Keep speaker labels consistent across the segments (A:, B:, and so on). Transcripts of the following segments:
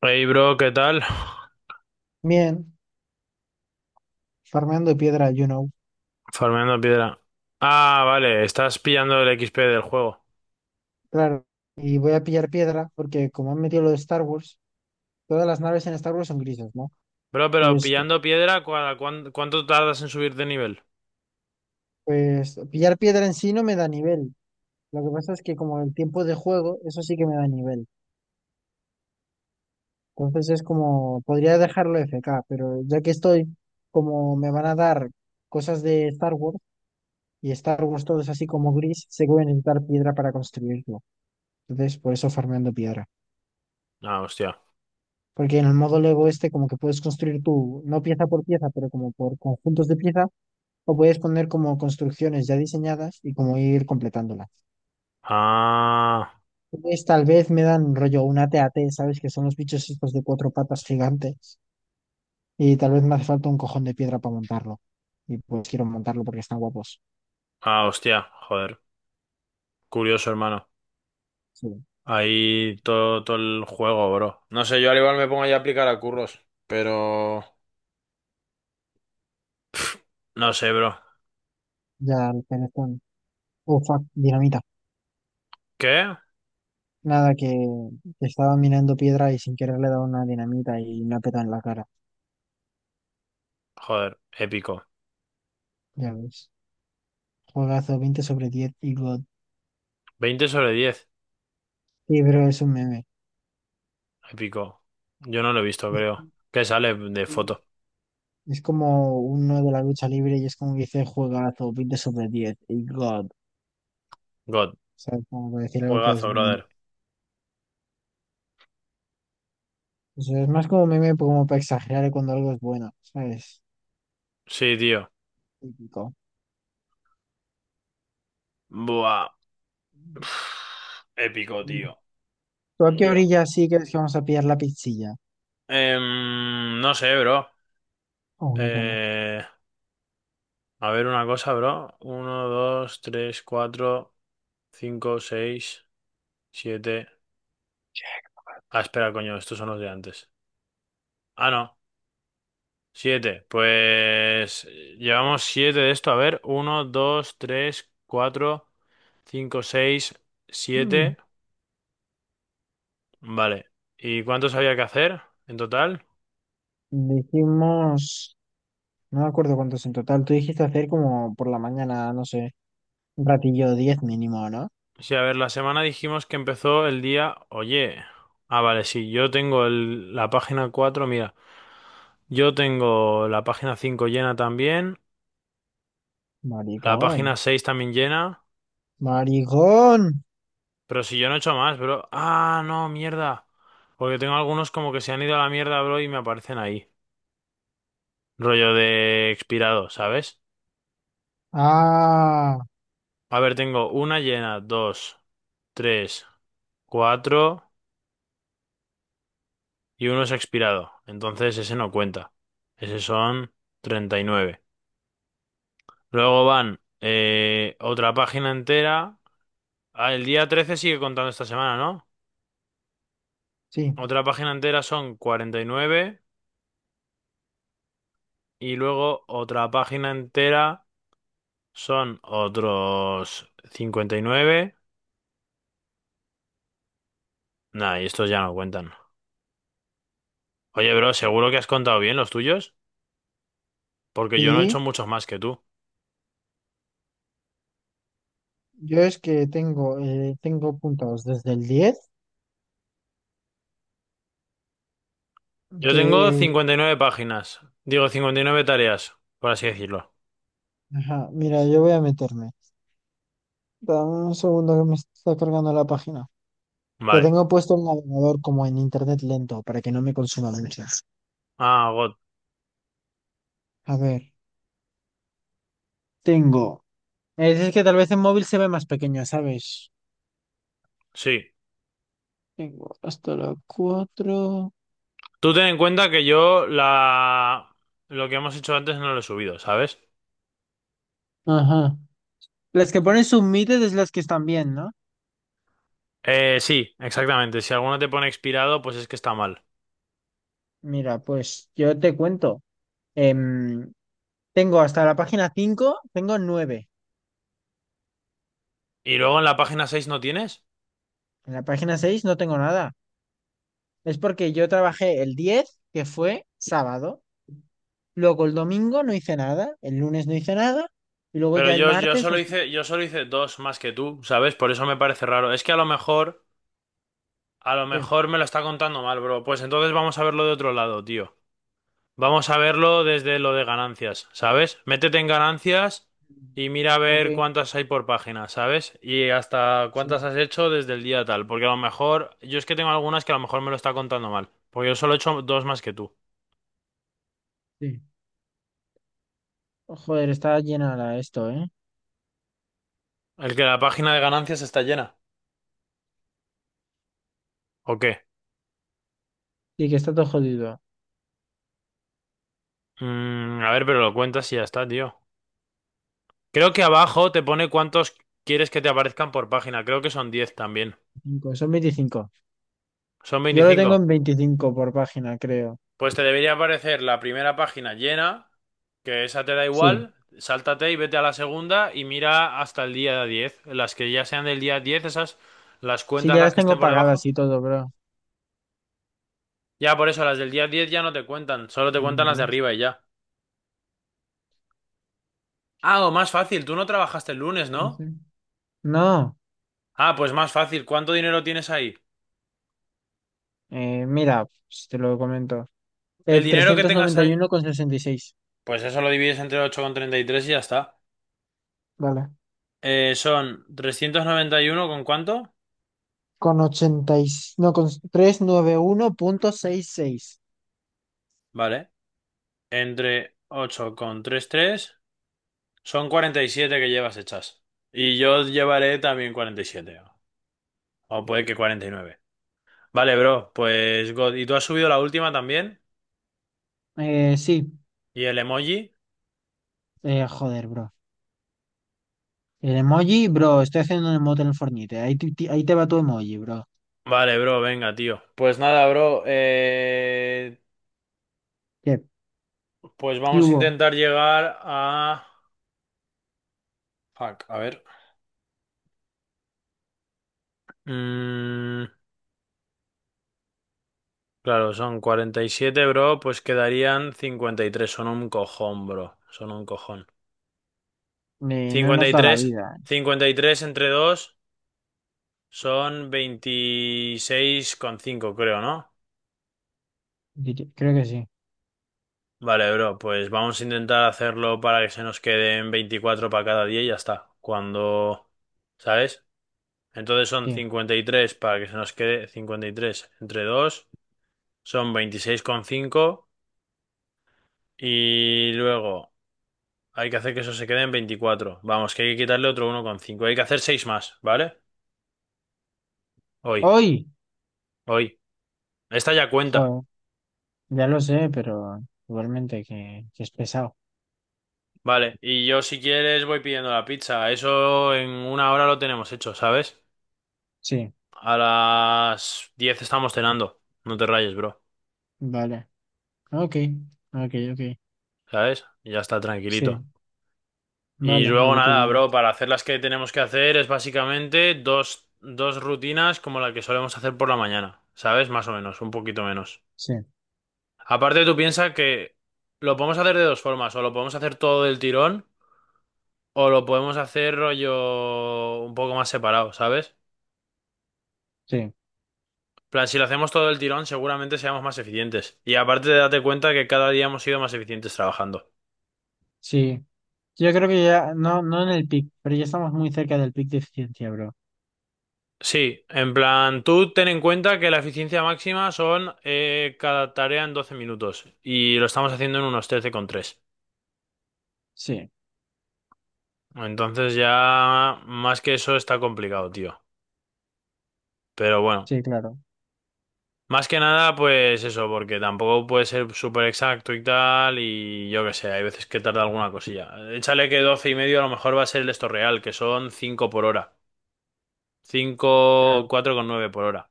A: Hey bro, ¿qué tal?
B: Bien, farmeando piedra, you know.
A: Farmeando piedra. Ah, vale, estás pillando el XP del juego.
B: Claro. Y voy a pillar piedra porque como han metido lo de Star Wars, todas las naves en Star Wars son grises, ¿no?
A: Bro, pero
B: Pues, co-
A: pillando piedra, ¿cuánto tardas en subir de nivel?
B: pues pillar piedra en sí no me da nivel. Lo que pasa es que como el tiempo de juego, eso sí que me da nivel. Entonces es como, podría dejarlo FK, pero ya que estoy, como me van a dar cosas de Star Wars y Star Wars todo es así como gris, sé que voy a necesitar piedra para construirlo. Entonces, por eso farmeando piedra.
A: Ah, hostia.
B: Porque en el modo Lego este como que puedes construir tú, no pieza por pieza, pero como por conjuntos de piezas, o puedes poner como construcciones ya diseñadas y como ir completándolas.
A: Ah,
B: Entonces, tal vez me dan rollo una TAT, ¿sabes? Que son los bichos estos de cuatro patas gigantes y tal vez me hace falta un cojón de piedra para montarlo. Y pues quiero montarlo porque están guapos.
A: ah, hostia, joder. Curioso, hermano.
B: Sí,
A: Ahí todo, todo el juego, bro. No sé, yo al igual me pongo ya a aplicar a curros, pero... No sé, bro.
B: ya el teléfono. Oh, fuck, dinamita.
A: ¿Qué?
B: Nada, que estaba mirando piedra y sin querer le he dado una dinamita y me ha petado en la cara.
A: Joder, épico.
B: Ya ves. Juegazo 20 sobre 10 y God.
A: 20/10,
B: Sí, pero es un meme.
A: épico. Yo no lo he visto,
B: Es,
A: creo. ¿Qué sale de foto?
B: es como uno de la lucha libre y es como que dice juegazo, 20 sobre 10 y God. O
A: God,
B: sea, es como para decir algo que es.
A: juegazo, brother.
B: O sea, es más como meme, como para exagerar cuando algo es bueno, ¿sabes?
A: Sí, tío.
B: Típico.
A: Buah. Pf, épico, tío.
B: ¿Tú a qué
A: Yo.
B: orilla sí crees que vamos a pillar la pizzilla?
A: No sé, bro.
B: O una llama.
A: Eh, a ver una cosa, bro. Uno, dos, tres, cuatro, cinco, seis, siete. Ah, espera, coño, estos son los de antes. Ah, no. Siete. Pues llevamos siete de esto. A ver, uno, dos, tres, cuatro, cinco, seis,
B: Mm.
A: siete. Vale. ¿Y cuántos había que hacer en total?
B: Dijimos. No me acuerdo cuántos en total. Tú dijiste hacer como por la mañana, no sé, un ratillo 10 mínimo, ¿no?
A: Sí, a ver, la semana dijimos que empezó el día, oye, ah, vale, sí, yo tengo la página 4. Mira, yo tengo la página 5 llena también, la
B: Maricón.
A: página 6 también llena,
B: Maricón.
A: pero si yo no he hecho más, bro, ah, no, mierda, porque tengo algunos como que se han ido a la mierda, bro, y me aparecen ahí, rollo de expirado, ¿sabes?
B: Ah.
A: A ver, tengo una llena, dos, tres, cuatro, y uno es expirado, entonces ese no cuenta, ese son 39. Luego van otra página entera. Ah, el día 13 sigue contando esta semana, ¿no?
B: Sí,
A: Otra página entera son 49 y luego otra página entera son otros 59. Nah, y estos ya no cuentan. Oye, bro, ¿seguro que has contado bien los tuyos? Porque yo no he hecho
B: sí,
A: muchos más que tú.
B: yo es que tengo puntados desde el 10.
A: Yo tengo
B: que,
A: 59 páginas. Digo, 59 tareas, por así decirlo.
B: ajá, mira, yo voy a meterme. Dame un segundo que me está cargando la página. Que
A: Vale.
B: tengo puesto el navegador como en internet lento para que no me consuma mucho.
A: Ah, God.
B: A ver, tengo. Es que tal vez en móvil se ve más pequeña, ¿sabes?
A: Sí.
B: Tengo hasta la cuatro.
A: Tú ten en cuenta que yo la... lo que hemos hecho antes no lo he subido, ¿sabes?
B: Ajá. Las que ponen submitted es las que están bien, ¿no?
A: Sí, exactamente. Si alguno te pone expirado, pues es que está mal.
B: Mira, pues yo te cuento. Em, Tengo hasta la página cinco, tengo nueve.
A: Y luego en la página 6 no tienes.
B: En la página 6 no tengo nada. Es porque yo trabajé el 10 que fue sábado. Luego el domingo no hice nada. El lunes no hice nada. Y luego
A: Pero
B: ya el
A: yo, yo
B: martes no
A: solo
B: sé
A: hice, yo solo hice dos más que tú, ¿sabes? Por eso me parece raro. Es que a lo mejor, a lo
B: qué.
A: mejor me lo está contando mal, bro. Pues entonces vamos a verlo de otro lado, tío. Vamos a verlo desde lo de ganancias, ¿sabes? Métete en ganancias y mira a
B: Ok,
A: ver cuántas hay por página, ¿sabes? Y hasta cuántas
B: sí,
A: has hecho desde el día tal, porque a lo mejor, yo es que tengo algunas que a lo mejor me lo está contando mal, porque yo solo he hecho dos más que tú.
B: sí. Oh, joder, está llena la esto, ¿eh?
A: ¿El que la página de ganancias está llena? ¿O qué?
B: Sí, que está todo jodido.
A: A ver, pero lo cuentas y ya está, tío. Creo que abajo te pone cuántos quieres que te aparezcan por página, creo que son 10 también.
B: Cinco, son 25.
A: ¿Son
B: Yo lo
A: 25?
B: tengo en 25 por página, creo.
A: Pues te debería aparecer la primera página llena. Que esa te da
B: Sí.
A: igual, sáltate y vete a la segunda y mira hasta el día 10. Las que ya sean del día 10 esas, las
B: Sí,
A: cuentas
B: ya
A: las
B: las
A: que
B: tengo
A: estén por
B: pagadas
A: debajo.
B: y todo, bro.
A: Ya, por eso, las del día 10 ya no te cuentan, solo te
B: Un,
A: cuentan las de
B: dos,
A: arriba y ya. Ah, o más fácil, tú no trabajaste el lunes, ¿no?
B: 13. No,
A: Ah, pues más fácil, ¿cuánto dinero tienes ahí?
B: mira, pues, te lo comento.
A: El dinero que
B: Trescientos
A: tengas
B: noventa y
A: ahí,
B: uno con sesenta y seis
A: pues eso lo divides entre 8,33 y ya está.
B: Vale.
A: Son 391 con cuánto,
B: Con ochenta y, no, con 391,66.
A: vale, entre 8,33. Son 47 que llevas hechas. Y yo llevaré también 47. O puede que 49. Vale, bro. Pues God. ¿Y tú has subido la última también?
B: Sí.
A: ¿Y el emoji?
B: Joder, bro. El emoji, bro. Estoy haciendo un emote en el Fortnite. Ahí, ahí te va tu emoji, bro.
A: Vale, bro. Venga, tío. Pues nada, bro. eh,
B: ¿Qué,
A: Pues
B: ¿Qué
A: vamos a
B: hubo?
A: intentar llegar a... Fuck, a ver. Mm, claro, son 47, bro. Pues quedarían 53. Son un cojón, bro. Son un cojón.
B: No
A: Cincuenta Cincuenta
B: nos
A: y
B: da la
A: tres.
B: vida.
A: Cincuenta y tres entre 2. Son 26,5 creo, ¿no?
B: Creo que sí.
A: Vale, bro, pues vamos a intentar hacerlo para que se nos queden 24 para cada día y ya está. Cuando, ¿sabes? Entonces son
B: Sí.
A: 53 para que se nos quede 53 entre 2 son veintiséis coma cinco y luego hay que hacer que eso se quede en 24. Vamos, que hay que quitarle otro 1,5. Hay que hacer 6 más, ¿vale? Hoy,
B: ¡Hoy!
A: hoy. Esta ya cuenta.
B: Joder. Ya lo sé, pero igualmente que es pesado.
A: Vale, y yo si quieres voy pidiendo la pizza. Eso en una hora lo tenemos hecho, ¿sabes?
B: Sí.
A: A las 10 estamos cenando. No te rayes, bro.
B: Vale. Ok. Ok, ok.
A: ¿Sabes? Y ya está
B: Sí.
A: tranquilito. Y
B: Vale, lo
A: luego
B: que tú
A: nada,
B: digas.
A: bro, para hacer las que tenemos que hacer es básicamente dos rutinas como la que solemos hacer por la mañana, ¿sabes? Más o menos, un poquito menos.
B: Sí.
A: Aparte, tú piensas que lo podemos hacer de dos formas, o lo podemos hacer todo del tirón, o lo podemos hacer rollo un poco más separado, ¿sabes?
B: Sí.
A: Plan, si lo hacemos todo el tirón, seguramente seamos más eficientes. Y aparte, date cuenta que cada día hemos sido más eficientes trabajando.
B: Sí. Yo creo que ya, no, no en el pic, pero ya estamos muy cerca del pic de eficiencia, bro.
A: Sí, en plan, tú ten en cuenta que la eficiencia máxima son cada tarea en 12 minutos y lo estamos haciendo en unos 13,3.
B: Sí,
A: Entonces ya más que eso está complicado, tío. Pero bueno,
B: sí, claro,
A: más que nada pues eso, porque tampoco puede ser súper exacto y tal y yo qué sé, hay veces que tarda alguna cosilla. Échale que 12 y medio a lo mejor va a ser el esto real, que son 5 por hora.
B: claro.
A: 5, nueve por hora.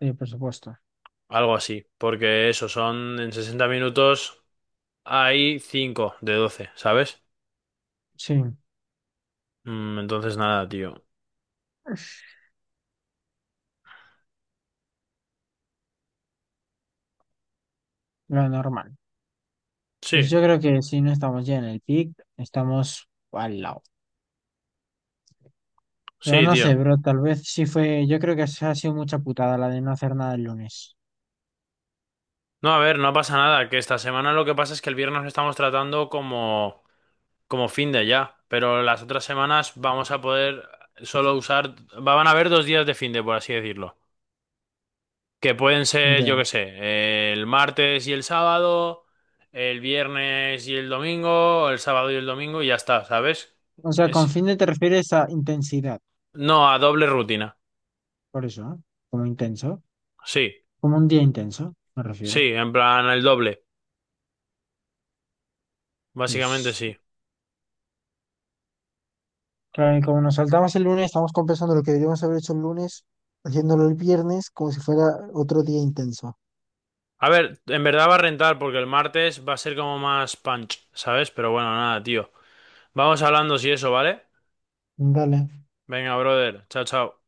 B: Sí, por supuesto.
A: Algo así. Porque eso, son en 60 minutos hay 5 de 12, ¿sabes?
B: Sí,
A: Entonces nada, tío.
B: lo normal. Pues
A: Sí,
B: yo creo que si no estamos ya en el pic, estamos al lado. Pero
A: sí,
B: no sé,
A: tío.
B: bro, tal vez sí fue, yo creo que se ha sido mucha putada la de no hacer nada el lunes.
A: No, a ver, no pasa nada. Que esta semana lo que pasa es que el viernes lo estamos tratando como fin de ya. Pero las otras semanas vamos a poder solo usar... Van a haber dos días de fin de, por así decirlo. Que pueden ser, yo
B: Ya.
A: qué sé, el martes y el sábado, el viernes y el domingo, el sábado y el domingo y ya está, ¿sabes?
B: O sea, con
A: Es...
B: fin de te refieres a intensidad,
A: No, a doble rutina.
B: por eso, ¿no? Como intenso,
A: Sí,
B: como un día intenso, me refiero.
A: sí, en plan el doble. Básicamente
B: Pues.
A: sí.
B: Claro, y como nos saltamos el lunes, estamos compensando lo que deberíamos haber hecho el lunes, haciéndolo el viernes como si fuera otro día intenso.
A: A ver, en verdad va a rentar porque el martes va a ser como más punch, ¿sabes? Pero bueno, nada, tío. Vamos hablando si eso, ¿vale?
B: Dale.
A: Venga, brother. Chao, chao.